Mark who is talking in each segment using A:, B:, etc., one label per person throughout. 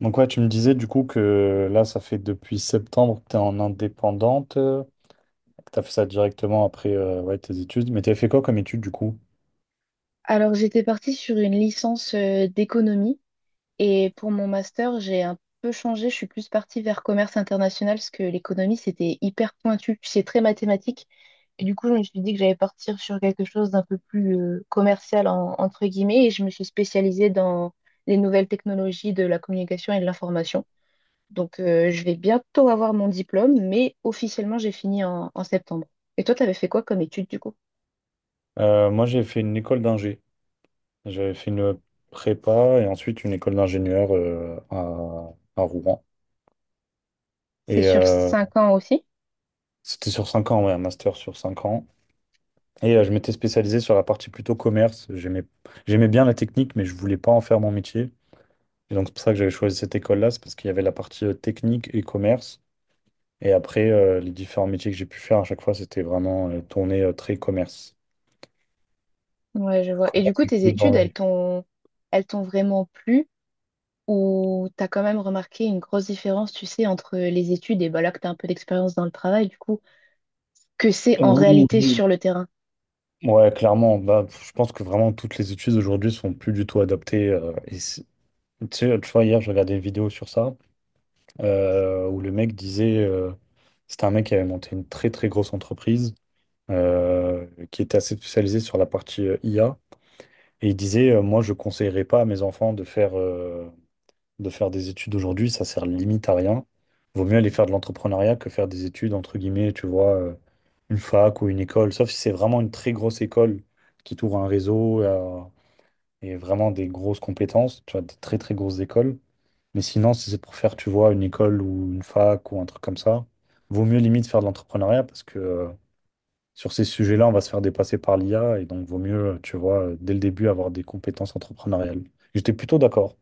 A: Donc ouais, tu me disais du coup que là, ça fait depuis septembre que tu es en indépendante, que tu as fait ça directement après ouais, tes études. Mais tu as fait quoi comme études du coup?
B: Alors, j'étais partie sur une licence d'économie et pour mon master, j'ai un peu changé. Je suis plus partie vers commerce international parce que l'économie, c'était hyper pointu, puis c'est très mathématique. Et du coup, je me suis dit que j'allais partir sur quelque chose d'un peu plus commercial, entre guillemets, et je me suis spécialisée dans les nouvelles technologies de la communication et de l'information. Donc, je vais bientôt avoir mon diplôme, mais officiellement, j'ai fini en septembre. Et toi, tu avais fait quoi comme étude du coup?
A: Moi, j'ai fait une école d'ingé. J'avais fait une prépa et ensuite une école d'ingénieur à Rouen.
B: C'est
A: Et
B: sur cinq ans aussi?
A: c'était sur 5 ans, ouais, un master sur 5 ans. Et je m'étais spécialisé sur la partie plutôt commerce. J'aimais, j'aimais bien la technique, mais je voulais pas en faire mon métier. Et donc c'est pour ça que j'avais choisi cette école-là, c'est parce qu'il y avait la partie technique et commerce. Et après, les différents métiers que j'ai pu faire à chaque fois, c'était vraiment tourné très commerce.
B: Ouais, je vois. Et du
A: Commerce
B: coup,
A: du
B: tes
A: coup dans
B: études,
A: la-
B: elles t'ont vraiment plu ou t'as quand même remarqué une grosse différence, tu sais, entre les études et bah là que t'as un peu d'expérience dans le travail, du coup, que c'est en
A: Oui,
B: réalité
A: oui.
B: sur le terrain?
A: Ouais, clairement. Bah, je pense que vraiment toutes les études aujourd'hui sont plus du tout adaptées. Et c'est- tu sais, tu vois, hier, je regardais une vidéo sur ça où le mec disait, c'était un mec qui avait monté une très très grosse entreprise qui était assez spécialisée sur la partie IA. Et il disait, moi, je conseillerais pas à mes enfants de faire de faire des études aujourd'hui, ça sert limite à rien. Vaut mieux aller faire de l'entrepreneuriat que faire des études, entre guillemets, tu vois, une fac ou une école. Sauf si c'est vraiment une très grosse école qui t'ouvre un réseau et vraiment des grosses compétences, tu vois, des très très grosses écoles. Mais sinon, si c'est pour faire, tu vois, une école ou une fac ou un truc comme ça, vaut mieux limite faire de l'entrepreneuriat parce que sur ces sujets-là, on va se faire dépasser par l'IA et donc vaut mieux, tu vois, dès le début avoir des compétences entrepreneuriales. J'étais plutôt d'accord.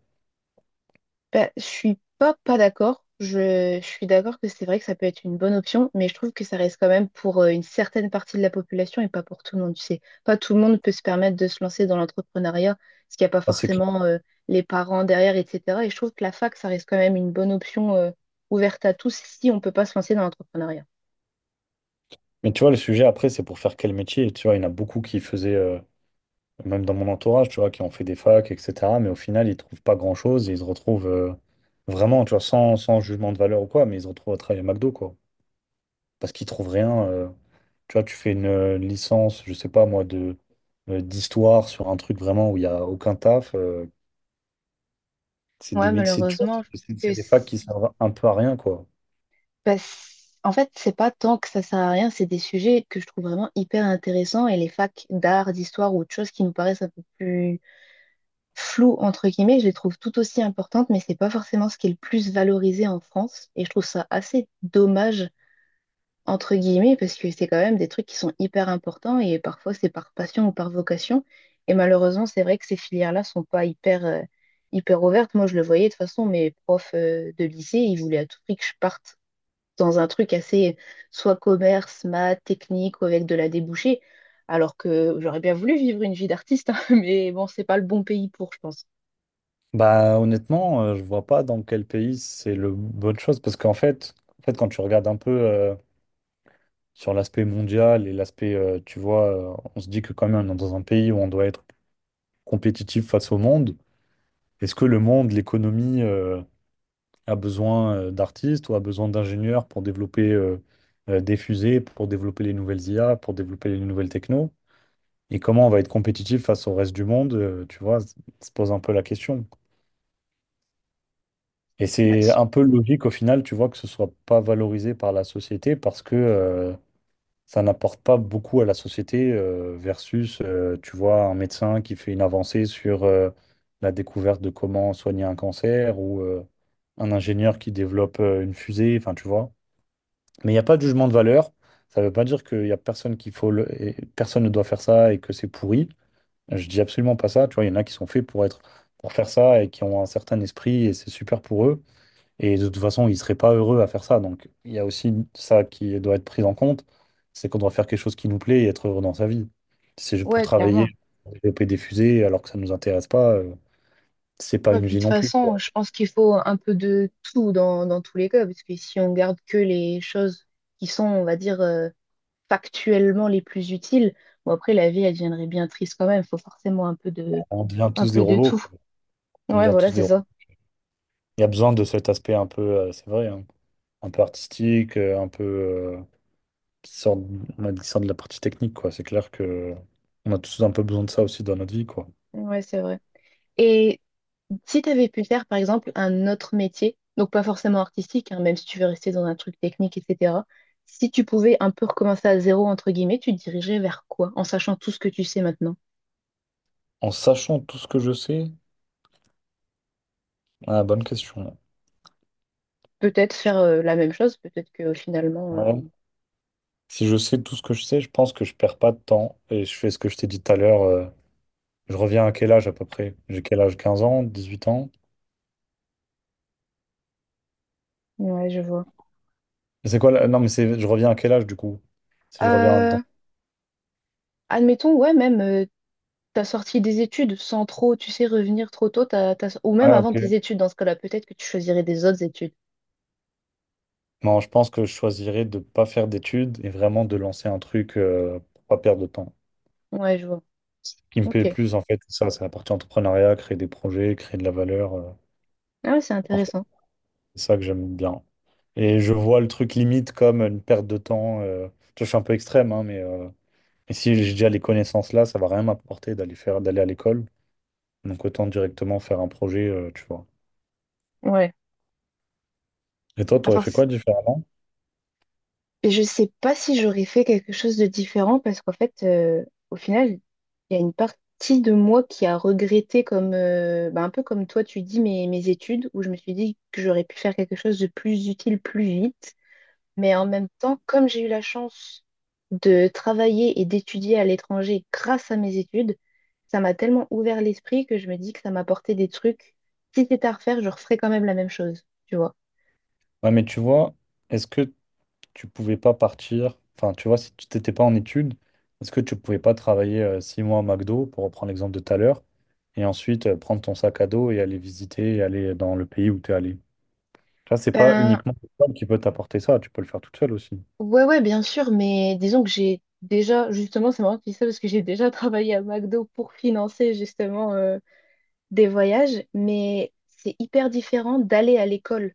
B: Bah, je suis pas d'accord. Je suis d'accord que c'est vrai que ça peut être une bonne option, mais je trouve que ça reste quand même pour une certaine partie de la population et pas pour tout le monde. Tu sais, pas tout le monde peut se permettre de se lancer dans l'entrepreneuriat parce qu'il n'y a pas
A: Ah, c'est clair.
B: forcément les parents derrière, etc. Et je trouve que la fac, ça reste quand même une bonne option ouverte à tous si on peut pas se lancer dans l'entrepreneuriat.
A: Mais tu vois, le sujet après, c'est pour faire quel métier? Tu vois, il y en a beaucoup qui faisaient, même dans mon entourage, tu vois, qui ont fait des facs, etc. Mais au final, ils trouvent pas grand-chose et ils se retrouvent vraiment, tu vois, sans, sans jugement de valeur ou quoi, mais ils se retrouvent à travailler à McDo, quoi. Parce qu'ils trouvent rien. Tu vois, tu fais une licence, je sais pas moi, de d'histoire sur un truc vraiment où il y a aucun taf. C'est des,
B: Ouais,
A: c'est tu vois,
B: malheureusement, je trouve
A: c'est
B: que
A: des facs qui servent un peu à rien, quoi.
B: bah, c'est- en fait, c'est pas tant que ça sert à rien, c'est des sujets que je trouve vraiment hyper intéressants et les facs d'art, d'histoire ou autre chose qui nous paraissent un peu plus floues, entre guillemets, je les trouve tout aussi importantes, mais c'est pas forcément ce qui est le plus valorisé en France. Et je trouve ça assez dommage, entre guillemets, parce que c'est quand même des trucs qui sont hyper importants et parfois c'est par passion ou par vocation. Et malheureusement, c'est vrai que ces filières-là sont pas hyper, hyper ouvertes. Moi, je le voyais de toute façon, mes profs, de lycée, ils voulaient à tout prix que je parte dans un truc assez soit commerce, maths, technique ou avec de la débouchée. Alors que j'aurais bien voulu vivre une vie d'artiste, hein, mais bon, c'est pas le bon pays pour, je pense.
A: Bah honnêtement, je vois pas dans quel pays c'est le bonne chose parce qu'en fait, en fait, quand tu regardes un peu sur l'aspect mondial et l'aspect, tu vois, on se dit que quand même, on est dans un pays où on doit être compétitif face au monde. Est-ce que le monde, l'économie, a besoin d'artistes ou a besoin d'ingénieurs pour développer des fusées, pour développer les nouvelles IA, pour développer les nouvelles techno? Et comment on va être compétitif face au reste du monde, tu vois, se pose un peu la question. Et c'est
B: Ouais.
A: un peu logique au final, tu vois, que ce soit pas valorisé par la société parce que ça n'apporte pas beaucoup à la société versus, tu vois, un médecin qui fait une avancée sur la découverte de comment soigner un cancer ou un ingénieur qui développe une fusée, enfin, tu vois. Mais il n'y a pas de jugement de valeur. Ça ne veut pas dire qu'il n'y a personne qu'il faut personne ne doit faire ça et que c'est pourri. Je dis absolument pas ça. Tu vois, il y en a qui sont faits pour pour faire ça et qui ont un certain esprit et c'est super pour eux. Et de toute façon, ils seraient pas heureux à faire ça. Donc, il y a aussi ça qui doit être pris en compte, c'est qu'on doit faire quelque chose qui nous plaît et être heureux dans sa vie. Si c'est juste pour
B: Ouais,
A: travailler,
B: clairement.
A: pour développer des fusées, alors que ça nous intéresse pas, c'est pas
B: Ouais,
A: une
B: puis de
A: vie
B: toute
A: non plus,
B: façon,
A: quoi.
B: je pense qu'il faut un peu de tout dans, dans tous les cas, parce que si on garde que les choses qui sont, on va dire, factuellement les plus utiles, bon après la vie, elle deviendrait bien triste quand même. Il faut forcément
A: On devient
B: un
A: tous des
B: peu de
A: robots,
B: tout.
A: quoi. On
B: Ouais,
A: devient
B: voilà,
A: tous des
B: c'est
A: robots.
B: ça.
A: Il y a besoin de cet aspect un peu, c'est vrai, hein, un peu artistique, qui sort, on a dit, qui sort de la partie technique, quoi. C'est clair que on a tous un peu besoin de ça aussi dans notre vie, quoi.
B: Ouais, c'est vrai. Et si tu avais pu faire, par exemple, un autre métier, donc pas forcément artistique, hein, même si tu veux rester dans un truc technique, etc., si tu pouvais un peu recommencer à zéro, entre guillemets, tu te dirigerais vers quoi, en sachant tout ce que tu sais maintenant?
A: En sachant tout ce que je sais, ah, bonne question.
B: Peut-être faire la même chose, peut-être que finalement,
A: Ouais. Si je sais tout ce que je sais, je pense que je perds pas de temps et je fais ce que je t'ai dit tout à l'heure. Je reviens à quel âge à peu près? J'ai quel âge? 15 ans, 18 ans?
B: ouais, je vois.
A: C'est quoi là? Non, mais c'est je reviens à quel âge du coup? Si je reviens dans...
B: Euh, admettons, ouais, même t'as sorti des études sans trop, tu sais, revenir trop tôt, ou même
A: Ouais,
B: avant
A: ok.
B: tes études, dans ce cas-là, peut-être que tu choisirais des autres études.
A: Non, je pense que je choisirais de ne pas faire d'études et vraiment de lancer un truc pour pas perdre de temps.
B: Ouais, je vois.
A: Ce qui me
B: Ok.
A: plaît plus, en fait, c'est ça, c'est la partie entrepreneuriat, créer des projets, créer de la valeur.
B: Ah, ouais, c'est
A: En fait,
B: intéressant.
A: c'est ça que j'aime bien. Et je vois le truc limite comme une perte de temps. Tu vois, je suis un peu extrême, hein, mais et si j'ai déjà les connaissances là, ça va rien m'apporter d'aller à l'école. Donc autant directement faire un projet, tu vois.
B: Ouais.
A: Et toi,
B: À
A: tu aurais
B: part...
A: fait quoi différemment?
B: Et je sais pas si j'aurais fait quelque chose de différent parce qu'en fait, au final, il y a une partie de moi qui a regretté comme, bah, un peu comme toi, tu dis mes études, où je me suis dit que j'aurais pu faire quelque chose de plus utile plus vite. Mais en même temps, comme j'ai eu la chance de travailler et d'étudier à l'étranger grâce à mes études, ça m'a tellement ouvert l'esprit que je me dis que ça m'a apporté des trucs. Si c'était à refaire, je referais quand même la même chose, tu vois.
A: Ouais, mais tu vois, est-ce que tu pouvais pas partir, enfin, tu vois, si tu t'étais pas en études, est-ce que tu pouvais pas travailler 6 mois à McDo, pour reprendre l'exemple de tout à l'heure, et ensuite prendre ton sac à dos et aller visiter et aller dans le pays où tu es allé? Tu vois, c'est pas
B: Ben,
A: uniquement l'école qui peut t'apporter ça, tu peux le faire toute seule aussi.
B: ouais, bien sûr, mais disons que j'ai déjà, justement, c'est marrant que tu dis ça parce que j'ai déjà travaillé à McDo pour financer justement des voyages, mais c'est hyper différent d'aller à l'école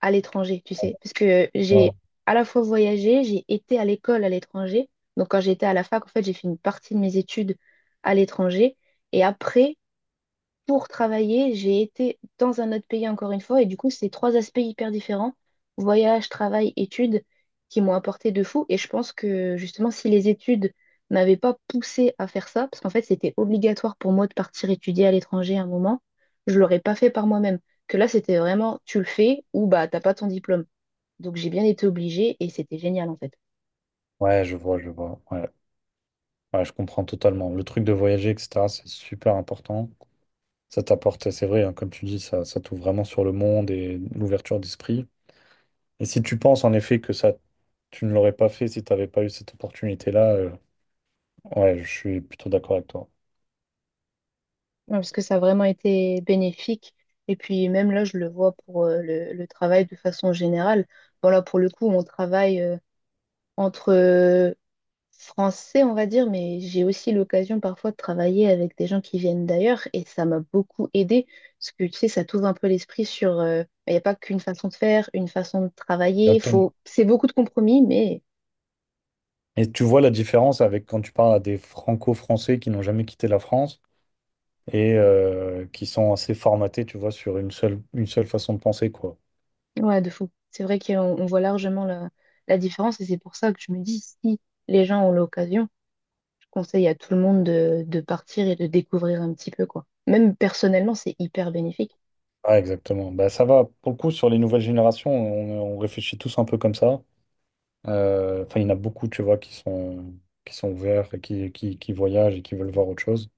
B: à l'étranger, tu sais, parce que
A: Ouais,
B: j'ai à la fois voyagé, j'ai été à l'école à l'étranger. Donc quand j'étais à la fac, en fait, j'ai fait une partie de mes études à l'étranger. Et après, pour travailler, j'ai été dans un autre pays encore une fois, et du coup, c'est trois aspects hyper différents, voyage, travail, études, qui m'ont apporté de fou. Et je pense que justement, si les études m'avaient pas poussé à faire ça, parce qu'en fait, c'était obligatoire pour moi de partir étudier à l'étranger à un moment, je l'aurais pas fait par moi-même. Que là, c'était vraiment, tu le fais ou bah t'as pas ton diplôme. Donc j'ai bien été obligée et c'était génial en fait.
A: ouais, je vois, je vois. Ouais. Ouais, je comprends totalement. Le truc de voyager, etc., c'est super important. Ça t'apporte, c'est vrai, hein, comme tu dis, ça t'ouvre vraiment sur le monde et l'ouverture d'esprit. Et si tu penses en effet que ça, tu ne l'aurais pas fait si tu n'avais pas eu cette opportunité-là, ouais, je suis plutôt d'accord avec toi.
B: Ouais, parce que ça a vraiment été bénéfique. Et puis même là, je le vois pour le travail de façon générale. Bon là pour le coup, on travaille entre Français, on va dire, mais j'ai aussi l'occasion parfois de travailler avec des gens qui viennent d'ailleurs et ça m'a beaucoup aidé parce que tu sais, ça t'ouvre un peu l'esprit sur... bah, il n'y a pas qu'une façon de faire, une façon de travailler.
A: Exactement.
B: Faut... C'est beaucoup de compromis, mais
A: Et tu vois la différence avec quand tu parles à des franco-français qui n'ont jamais quitté la France et qui sont assez formatés, tu vois, sur une seule façon de penser, quoi.
B: ouais, de fou. C'est vrai qu'on voit largement la différence et c'est pour ça que je me dis, si les gens ont l'occasion, je conseille à tout le monde de partir et de découvrir un petit peu, quoi. Même personnellement, c'est hyper bénéfique.
A: Ah, exactement. Bah, ça va. Pour le coup, sur les nouvelles générations, on réfléchit tous un peu comme ça. Enfin, il y en a beaucoup, tu vois, qui sont ouverts et qui voyagent et qui veulent voir autre chose.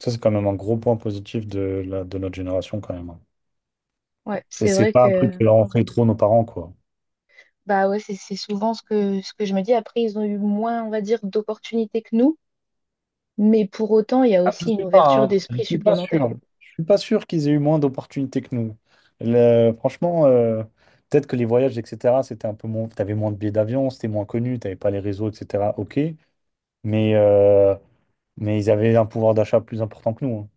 A: Ça, c'est quand même un gros point positif de, la, de notre génération, quand même, hein.
B: Ouais,
A: C'est
B: c'est
A: c'est
B: vrai
A: pas un truc
B: que
A: que leur ont fait trop nos parents, quoi.
B: bah ouais, c'est souvent ce ce que je me dis. Après, ils ont eu moins, on va dire, d'opportunités que nous, mais pour autant, il y a
A: Ah, je
B: aussi une
A: sais pas,
B: ouverture
A: hein. Je
B: d'esprit
A: suis pas
B: supplémentaire.
A: sûr. Je suis pas sûr qu'ils aient eu moins d'opportunités que nous. Franchement, peut-être que les voyages, etc., c'était un peu moins. T'avais moins de billets d'avion, c'était moins connu, t'avais pas les réseaux, etc. Ok, mais euh, mais ils avaient un pouvoir d'achat plus important que nous, hein.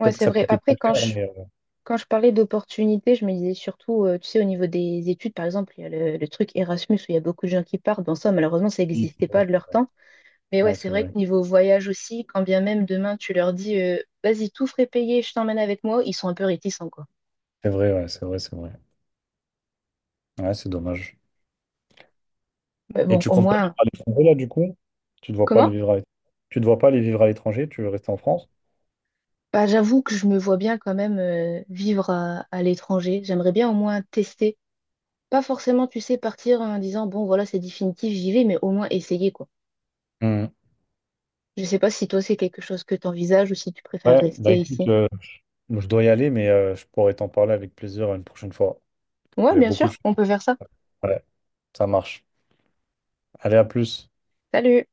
B: Ouais,
A: Peut-être que
B: c'est
A: ça
B: vrai.
A: coûtait
B: Après,
A: plus cher, mais
B: quand je parlais d'opportunités, je me disais surtout, tu sais, au niveau des études, par exemple, il y a le truc Erasmus où il y a beaucoup de gens qui partent. Bon, ça, malheureusement, ça
A: oui, c'est
B: n'existait
A: vrai,
B: pas de
A: c'est
B: leur
A: vrai.
B: temps. Mais ouais,
A: Ouais,
B: c'est
A: c'est
B: vrai que
A: vrai.
B: niveau voyage aussi, quand bien même demain tu leur dis vas-y, tout frais payé, je t'emmène avec moi, ils sont un peu réticents, quoi.
A: C'est vrai, ouais, c'est vrai, c'est vrai. Ouais, c'est dommage.
B: Mais
A: Et
B: bon,
A: tu
B: au
A: comptes pas aller
B: moins.
A: à l'étranger là, du coup? Tu ne vois pas aller
B: Comment?
A: vivre à l'étranger? Tu ne vois pas aller vivre à l'étranger? Tu veux rester en France?
B: Bah, j'avoue que je me vois bien quand même vivre à l'étranger. J'aimerais bien au moins tester. Pas forcément, tu sais, partir en disant bon, voilà, c'est définitif, j'y vais, mais au moins essayer, quoi.
A: Hmm.
B: Je sais pas si toi c'est quelque chose que t'envisages ou si tu préfères
A: Ouais, bah
B: rester
A: écoute.
B: ici.
A: Bon, je dois y aller, mais je pourrais t'en parler avec plaisir une prochaine fois.
B: Ouais,
A: J'ai
B: bien
A: beaucoup de
B: sûr,
A: choses.
B: on peut faire ça.
A: Ouais, ça marche. Allez, à plus.
B: Salut!